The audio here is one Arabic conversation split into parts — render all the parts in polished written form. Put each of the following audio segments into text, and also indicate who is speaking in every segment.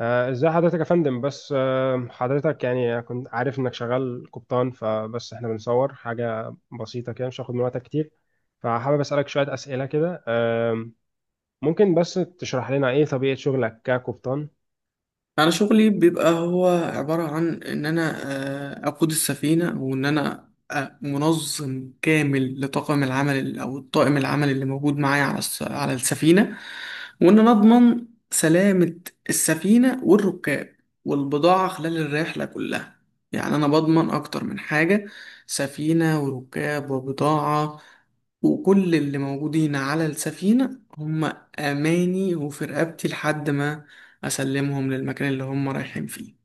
Speaker 1: ازاي حضرتك يا فندم؟ بس حضرتك يعني كنت عارف انك شغال قبطان، فبس احنا بنصور حاجة بسيطة كده، مش هاخد من وقتك كتير. فحابب اسألك شوية اسئلة كده. ممكن بس تشرح لنا ايه طبيعة شغلك كقبطان؟
Speaker 2: انا شغلي بيبقى هو عبارة عن ان انا اقود السفينة، وان انا منظم كامل لطاقم العمل او الطاقم العمل اللي موجود معايا على على السفينة، وان انا اضمن سلامة السفينة والركاب والبضاعة خلال الرحلة كلها. يعني انا بضمن اكتر من حاجة: سفينة وركاب وبضاعة، وكل اللي موجودين على السفينة هم اماني وفي رقبتي لحد ما اسلمهم للمكان اللي هم رايحين فيه.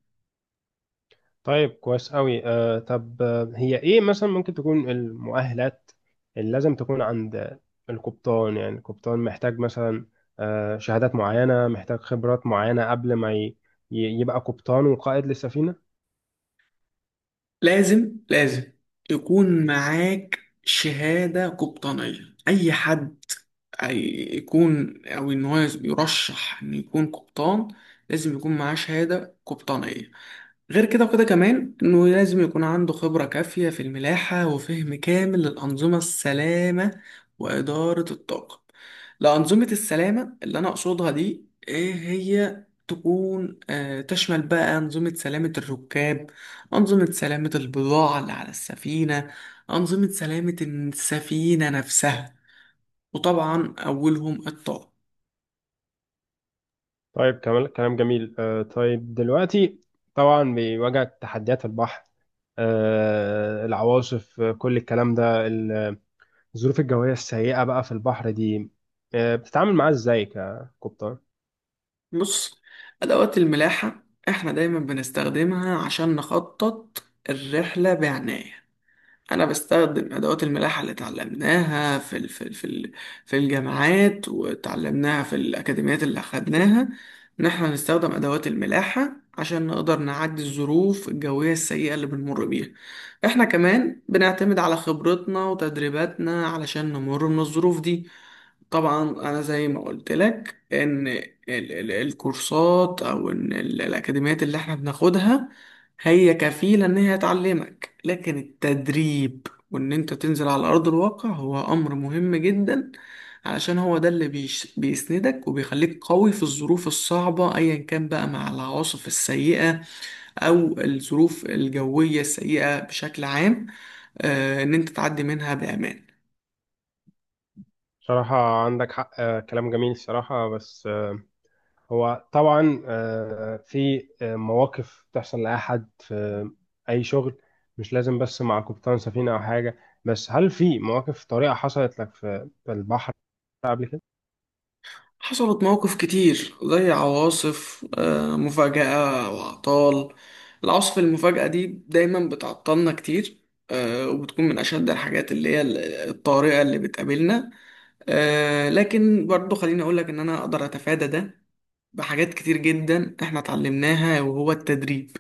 Speaker 1: طيب، كويس قوي. آه، طب آه، هي ايه مثلا ممكن تكون المؤهلات اللي لازم تكون عند القبطان؟ يعني القبطان محتاج مثلا شهادات معينة، محتاج خبرات معينة قبل ما يبقى قبطان وقائد للسفينة؟
Speaker 2: لازم يكون معاك شهادة قبطانية، اي حد أي- يكون او ان هو يرشح ان يكون قبطان لازم يكون معاه شهادة قبطانية. غير كده وكده كمان انه لازم يكون عنده خبرة كافية في الملاحة وفهم كامل للأنظمة السلامة وإدارة الطاقم. لأنظمة السلامة اللي أنا أقصدها دي إيه هي تكون تشمل بقى أنظمة سلامة الركاب، أنظمة سلامة البضاعة اللي على السفينة، أنظمة سلامة السفينة نفسها، وطبعا أولهم الطاقم.
Speaker 1: طيب، كلام جميل. طيب دلوقتي طبعا بيواجهك تحديات البحر، العواصف، كل الكلام ده، الظروف الجوية السيئة بقى في البحر دي، بتتعامل معاها ازاي ككوبتر؟
Speaker 2: بص، أدوات الملاحة إحنا دايما بنستخدمها عشان نخطط الرحلة بعناية. أنا بستخدم أدوات الملاحة اللي اتعلمناها في الجامعات، واتعلمناها في الأكاديميات اللي أخدناها، إن إحنا نستخدم أدوات الملاحة عشان نقدر نعدي الظروف الجوية السيئة اللي بنمر بيها. إحنا كمان بنعتمد على خبرتنا وتدريباتنا علشان نمر من الظروف دي. طبعا انا زي ما قلت لك ان الكورسات او ان الاكاديميات اللي احنا بناخدها هي كفيلة ان هي تعلمك، لكن التدريب وان انت تنزل على ارض الواقع هو امر مهم جدا، علشان هو ده اللي بيسندك وبيخليك قوي في الظروف الصعبة ايا كان بقى مع العواصف السيئة او الظروف الجوية السيئة بشكل عام، ان انت تعدي منها بامان.
Speaker 1: صراحة عندك حق. كلام جميل الصراحة. بس هو طبعا في مواقف بتحصل لأي حد في أي شغل، مش لازم بس مع قبطان سفينة أو حاجة. بس هل في مواقف طريقة حصلت لك في البحر قبل كده؟
Speaker 2: حصلت مواقف كتير زي عواصف مفاجأة وأعطال، العواصف المفاجأة دي دايما بتعطلنا كتير، وبتكون من أشد الحاجات اللي هي الطارئة اللي بتقابلنا. لكن برضو خليني أقولك إن أنا أقدر أتفادى ده بحاجات كتير جدا إحنا اتعلمناها، وهو التدريب،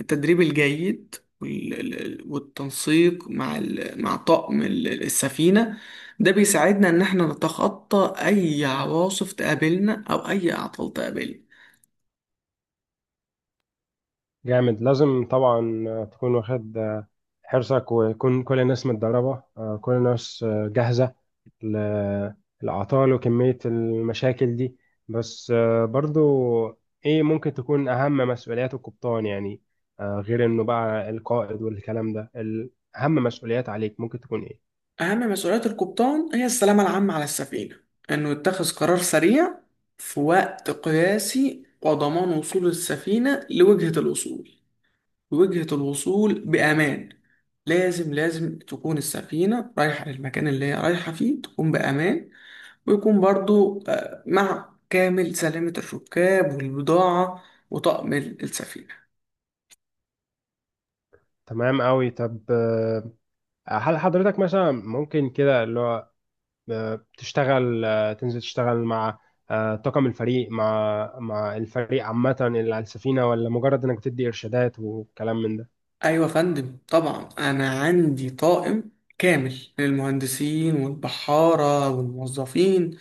Speaker 2: التدريب الجيد، وال- ال- والتنسيق مع مع طاقم السفينة، ده بيساعدنا إن إحنا نتخطى أي عواصف تقابلنا أو أي أعطال تقابلنا.
Speaker 1: جامد. لازم طبعا تكون واخد حرصك، ويكون كل الناس متدربة، كل الناس جاهزة للأعطال وكمية المشاكل دي. بس برضو إيه ممكن تكون أهم مسؤوليات القبطان؟ يعني غير إنه بقى القائد والكلام ده، أهم مسؤوليات عليك ممكن تكون إيه؟
Speaker 2: أهم مسؤوليات القبطان هي السلامة العامة على السفينة، إنه يتخذ قرار سريع في وقت قياسي وضمان وصول السفينة لوجهة الوصول، وجهة الوصول بأمان. لازم تكون السفينة رايحة للمكان اللي هي رايحة فيه تكون بأمان، ويكون برضو مع كامل سلامة الركاب والبضاعة وطقم السفينة.
Speaker 1: تمام أوي. طب آه، هل حضرتك مثلا ممكن كده اللي هو تشتغل، تنزل تشتغل مع طاقم الفريق، مع الفريق عامة اللي على السفينة، ولا مجرد إنك بتدي إرشادات وكلام من ده؟
Speaker 2: أيوة يا فندم، طبعا أنا عندي طاقم كامل للمهندسين والبحارة والموظفين،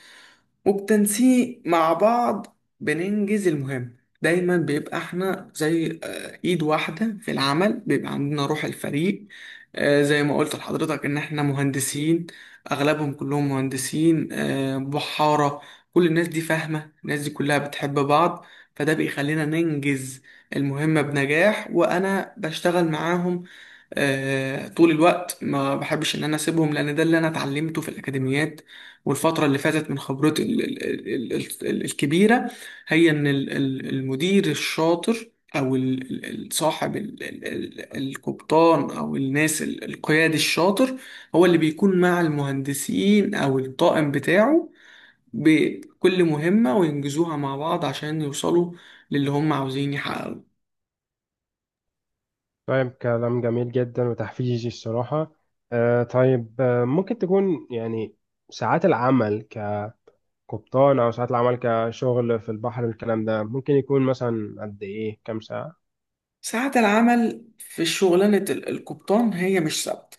Speaker 2: وبتنسيق مع بعض بننجز المهمة. دايما بيبقى احنا زي ايد واحدة في العمل، بيبقى عندنا روح الفريق. زي ما قلت لحضرتك ان احنا مهندسين، اغلبهم كلهم مهندسين، بحارة، كل الناس دي فاهمة، الناس دي كلها بتحب بعض، فده بيخلينا ننجز المهمة بنجاح. وانا بشتغل معاهم طول الوقت، ما بحبش ان انا اسيبهم لان ده اللي انا اتعلمته في الاكاديميات والفتره اللي فاتت من خبرتي الكبيره، هي ان المدير الشاطر او صاحب القبطان او الناس القيادي الشاطر هو اللي بيكون مع المهندسين او الطاقم بتاعه بكل مهمة وينجزوها مع بعض عشان يوصلوا للي هم عاوزين يحققوه.
Speaker 1: طيب، كلام جميل جدا وتحفيزي الصراحة. طيب ممكن تكون يعني ساعات العمل كقبطان أو ساعات العمل كشغل في البحر، الكلام ده ممكن يكون مثلا قد إيه، كام ساعة؟
Speaker 2: ساعات العمل في شغلانة القبطان هي مش ثابتة،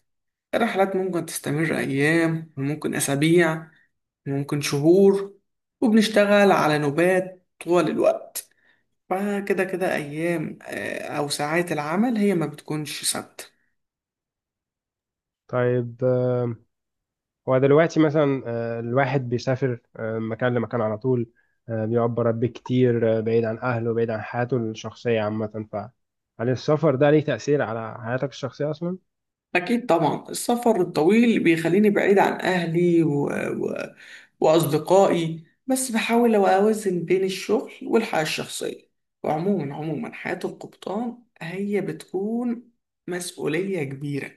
Speaker 2: الرحلات ممكن تستمر أيام وممكن أسابيع وممكن شهور، وبنشتغل على نوبات طوال الوقت، فكده كده أيام أو ساعات العمل هي ما بتكونش ثابتة.
Speaker 1: طيب هو دلوقتي مثلا الواحد بيسافر من مكان لمكان على طول، بيقعد برا كتير، بعيد عن أهله، بعيد عن حياته الشخصية عامة، فهل السفر ده ليه تأثير على حياتك الشخصية أصلا؟
Speaker 2: أكيد طبعا السفر الطويل بيخليني بعيد عن أهلي وأصدقائي، بس بحاول أوازن بين الشغل والحياة الشخصية. وعموما حياة القبطان هي بتكون مسؤولية كبيرة،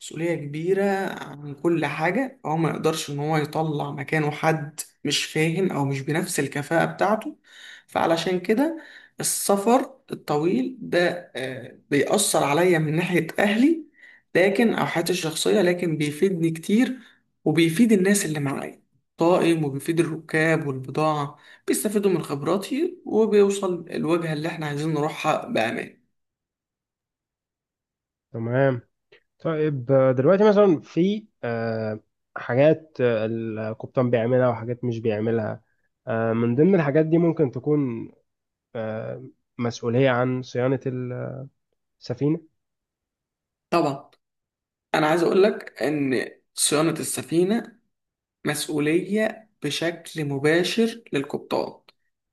Speaker 2: مسؤولية كبيرة عن كل حاجة، هو ما يقدرش إن هو يطلع مكانه حد مش فاهم أو مش بنفس الكفاءة بتاعته. فعلشان كده، السفر الطويل ده بيأثر عليا من ناحية أهلي، لكن او حياتي الشخصيه، لكن بيفيدني كتير، وبيفيد الناس اللي معايا، طائم، وبيفيد الركاب والبضاعه، بيستفيدوا من خبراتي، وبيوصل الوجهه اللي احنا عايزين نروحها بامان.
Speaker 1: تمام. طيب دلوقتي مثلا في حاجات القبطان بيعملها وحاجات مش بيعملها. من ضمن الحاجات دي ممكن تكون آه، مسؤولية عن صيانة السفينة؟
Speaker 2: طبعا انا عايز اقول لك ان صيانه السفينه مسؤولية بشكل مباشر للقبطان،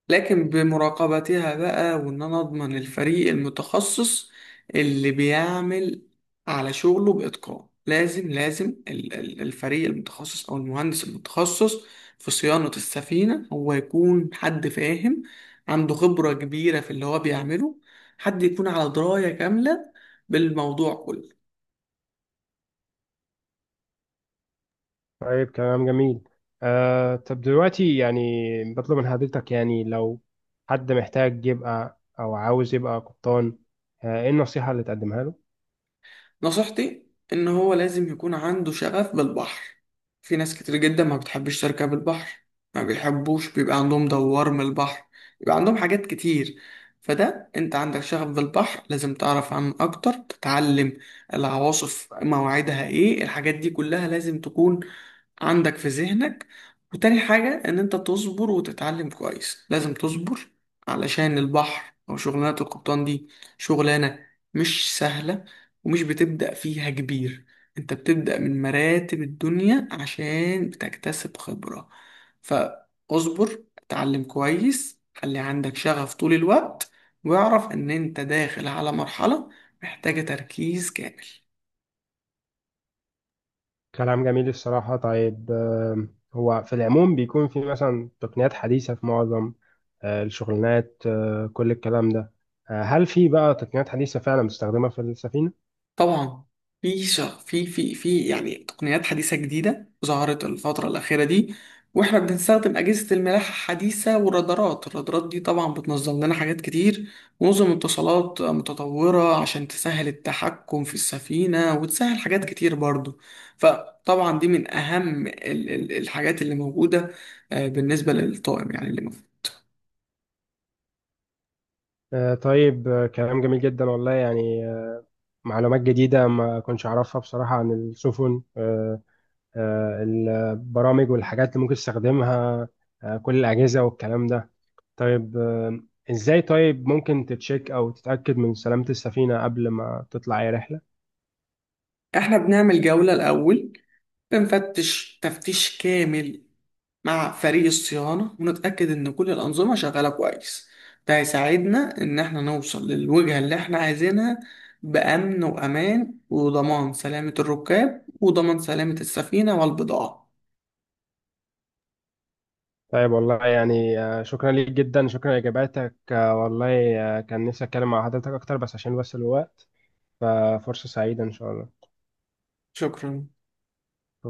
Speaker 2: لكن بمراقبتها بقى وإن أنا أضمن الفريق المتخصص اللي بيعمل على شغله بإتقان. لازم الفريق المتخصص أو المهندس المتخصص في صيانة السفينة هو يكون حد فاهم، عنده خبرة كبيرة في اللي هو بيعمله، حد يكون على دراية كاملة بالموضوع كله.
Speaker 1: طيب، كلام جميل. آه، طب دلوقتي يعني بطلب من حضرتك، يعني لو حد محتاج يبقى أو عاوز يبقى قبطان، آه، إيه النصيحة اللي تقدمها له؟
Speaker 2: نصيحتي ان هو لازم يكون عنده شغف بالبحر، في ناس كتير جدا ما بتحبش تركب البحر، ما بيحبوش، بيبقى عندهم دوار من البحر، بيبقى عندهم حاجات كتير. فده انت عندك شغف بالبحر، لازم تعرف عنه اكتر، تتعلم العواصف مواعيدها ايه، الحاجات دي كلها لازم تكون عندك في ذهنك. وتاني حاجة ان انت تصبر وتتعلم كويس، لازم تصبر علشان البحر او شغلانة القبطان دي شغلانة مش سهلة، ومش بتبدأ فيها كبير، انت بتبدأ من مراتب الدنيا عشان بتكتسب خبرة. فاصبر، اتعلم كويس، خلي عندك شغف طول الوقت، واعرف ان انت داخل على مرحلة محتاجة تركيز كامل.
Speaker 1: كلام جميل الصراحة. طيب آه، هو في العموم بيكون في مثلا تقنيات حديثة في معظم آه، الشغلانات آه، كل الكلام ده. آه، هل في بقى تقنيات حديثة فعلا مستخدمة في السفينة؟
Speaker 2: طبعا في يعني تقنيات حديثة جديدة ظهرت الفترة الأخيرة دي، واحنا بنستخدم أجهزة الملاحة الحديثة والرادارات، الرادارات دي طبعا بتنظم لنا حاجات كتير، ونظم اتصالات متطورة عشان تسهل التحكم في السفينة وتسهل حاجات كتير برضو. فطبعا دي من أهم الحاجات اللي موجودة بالنسبة للطاقم يعني اللي موجود.
Speaker 1: آه، طيب آه، كلام جميل جدا والله. يعني آه، معلومات جديدة ما كنتش أعرفها بصراحة عن السفن. آه، البرامج والحاجات اللي ممكن تستخدمها، كل الأجهزة والكلام ده، طيب إزاي طيب ممكن تتشيك أو تتأكد من سلامة السفينة قبل ما تطلع أي رحلة؟
Speaker 2: احنا بنعمل جولة الأول، بنفتش تفتيش كامل مع فريق الصيانة ونتأكد إن كل الأنظمة شغالة كويس، ده هيساعدنا إن إحنا نوصل للوجهة اللي إحنا عايزينها بأمن وأمان، وضمان سلامة الركاب وضمان سلامة السفينة والبضاعة.
Speaker 1: طيب، والله يعني شكرا ليك جدا، شكرا لإجاباتك. والله كان نفسي أتكلم مع حضرتك أكتر، بس عشان بس الوقت، ففرصة سعيدة إن شاء الله.
Speaker 2: شكرا.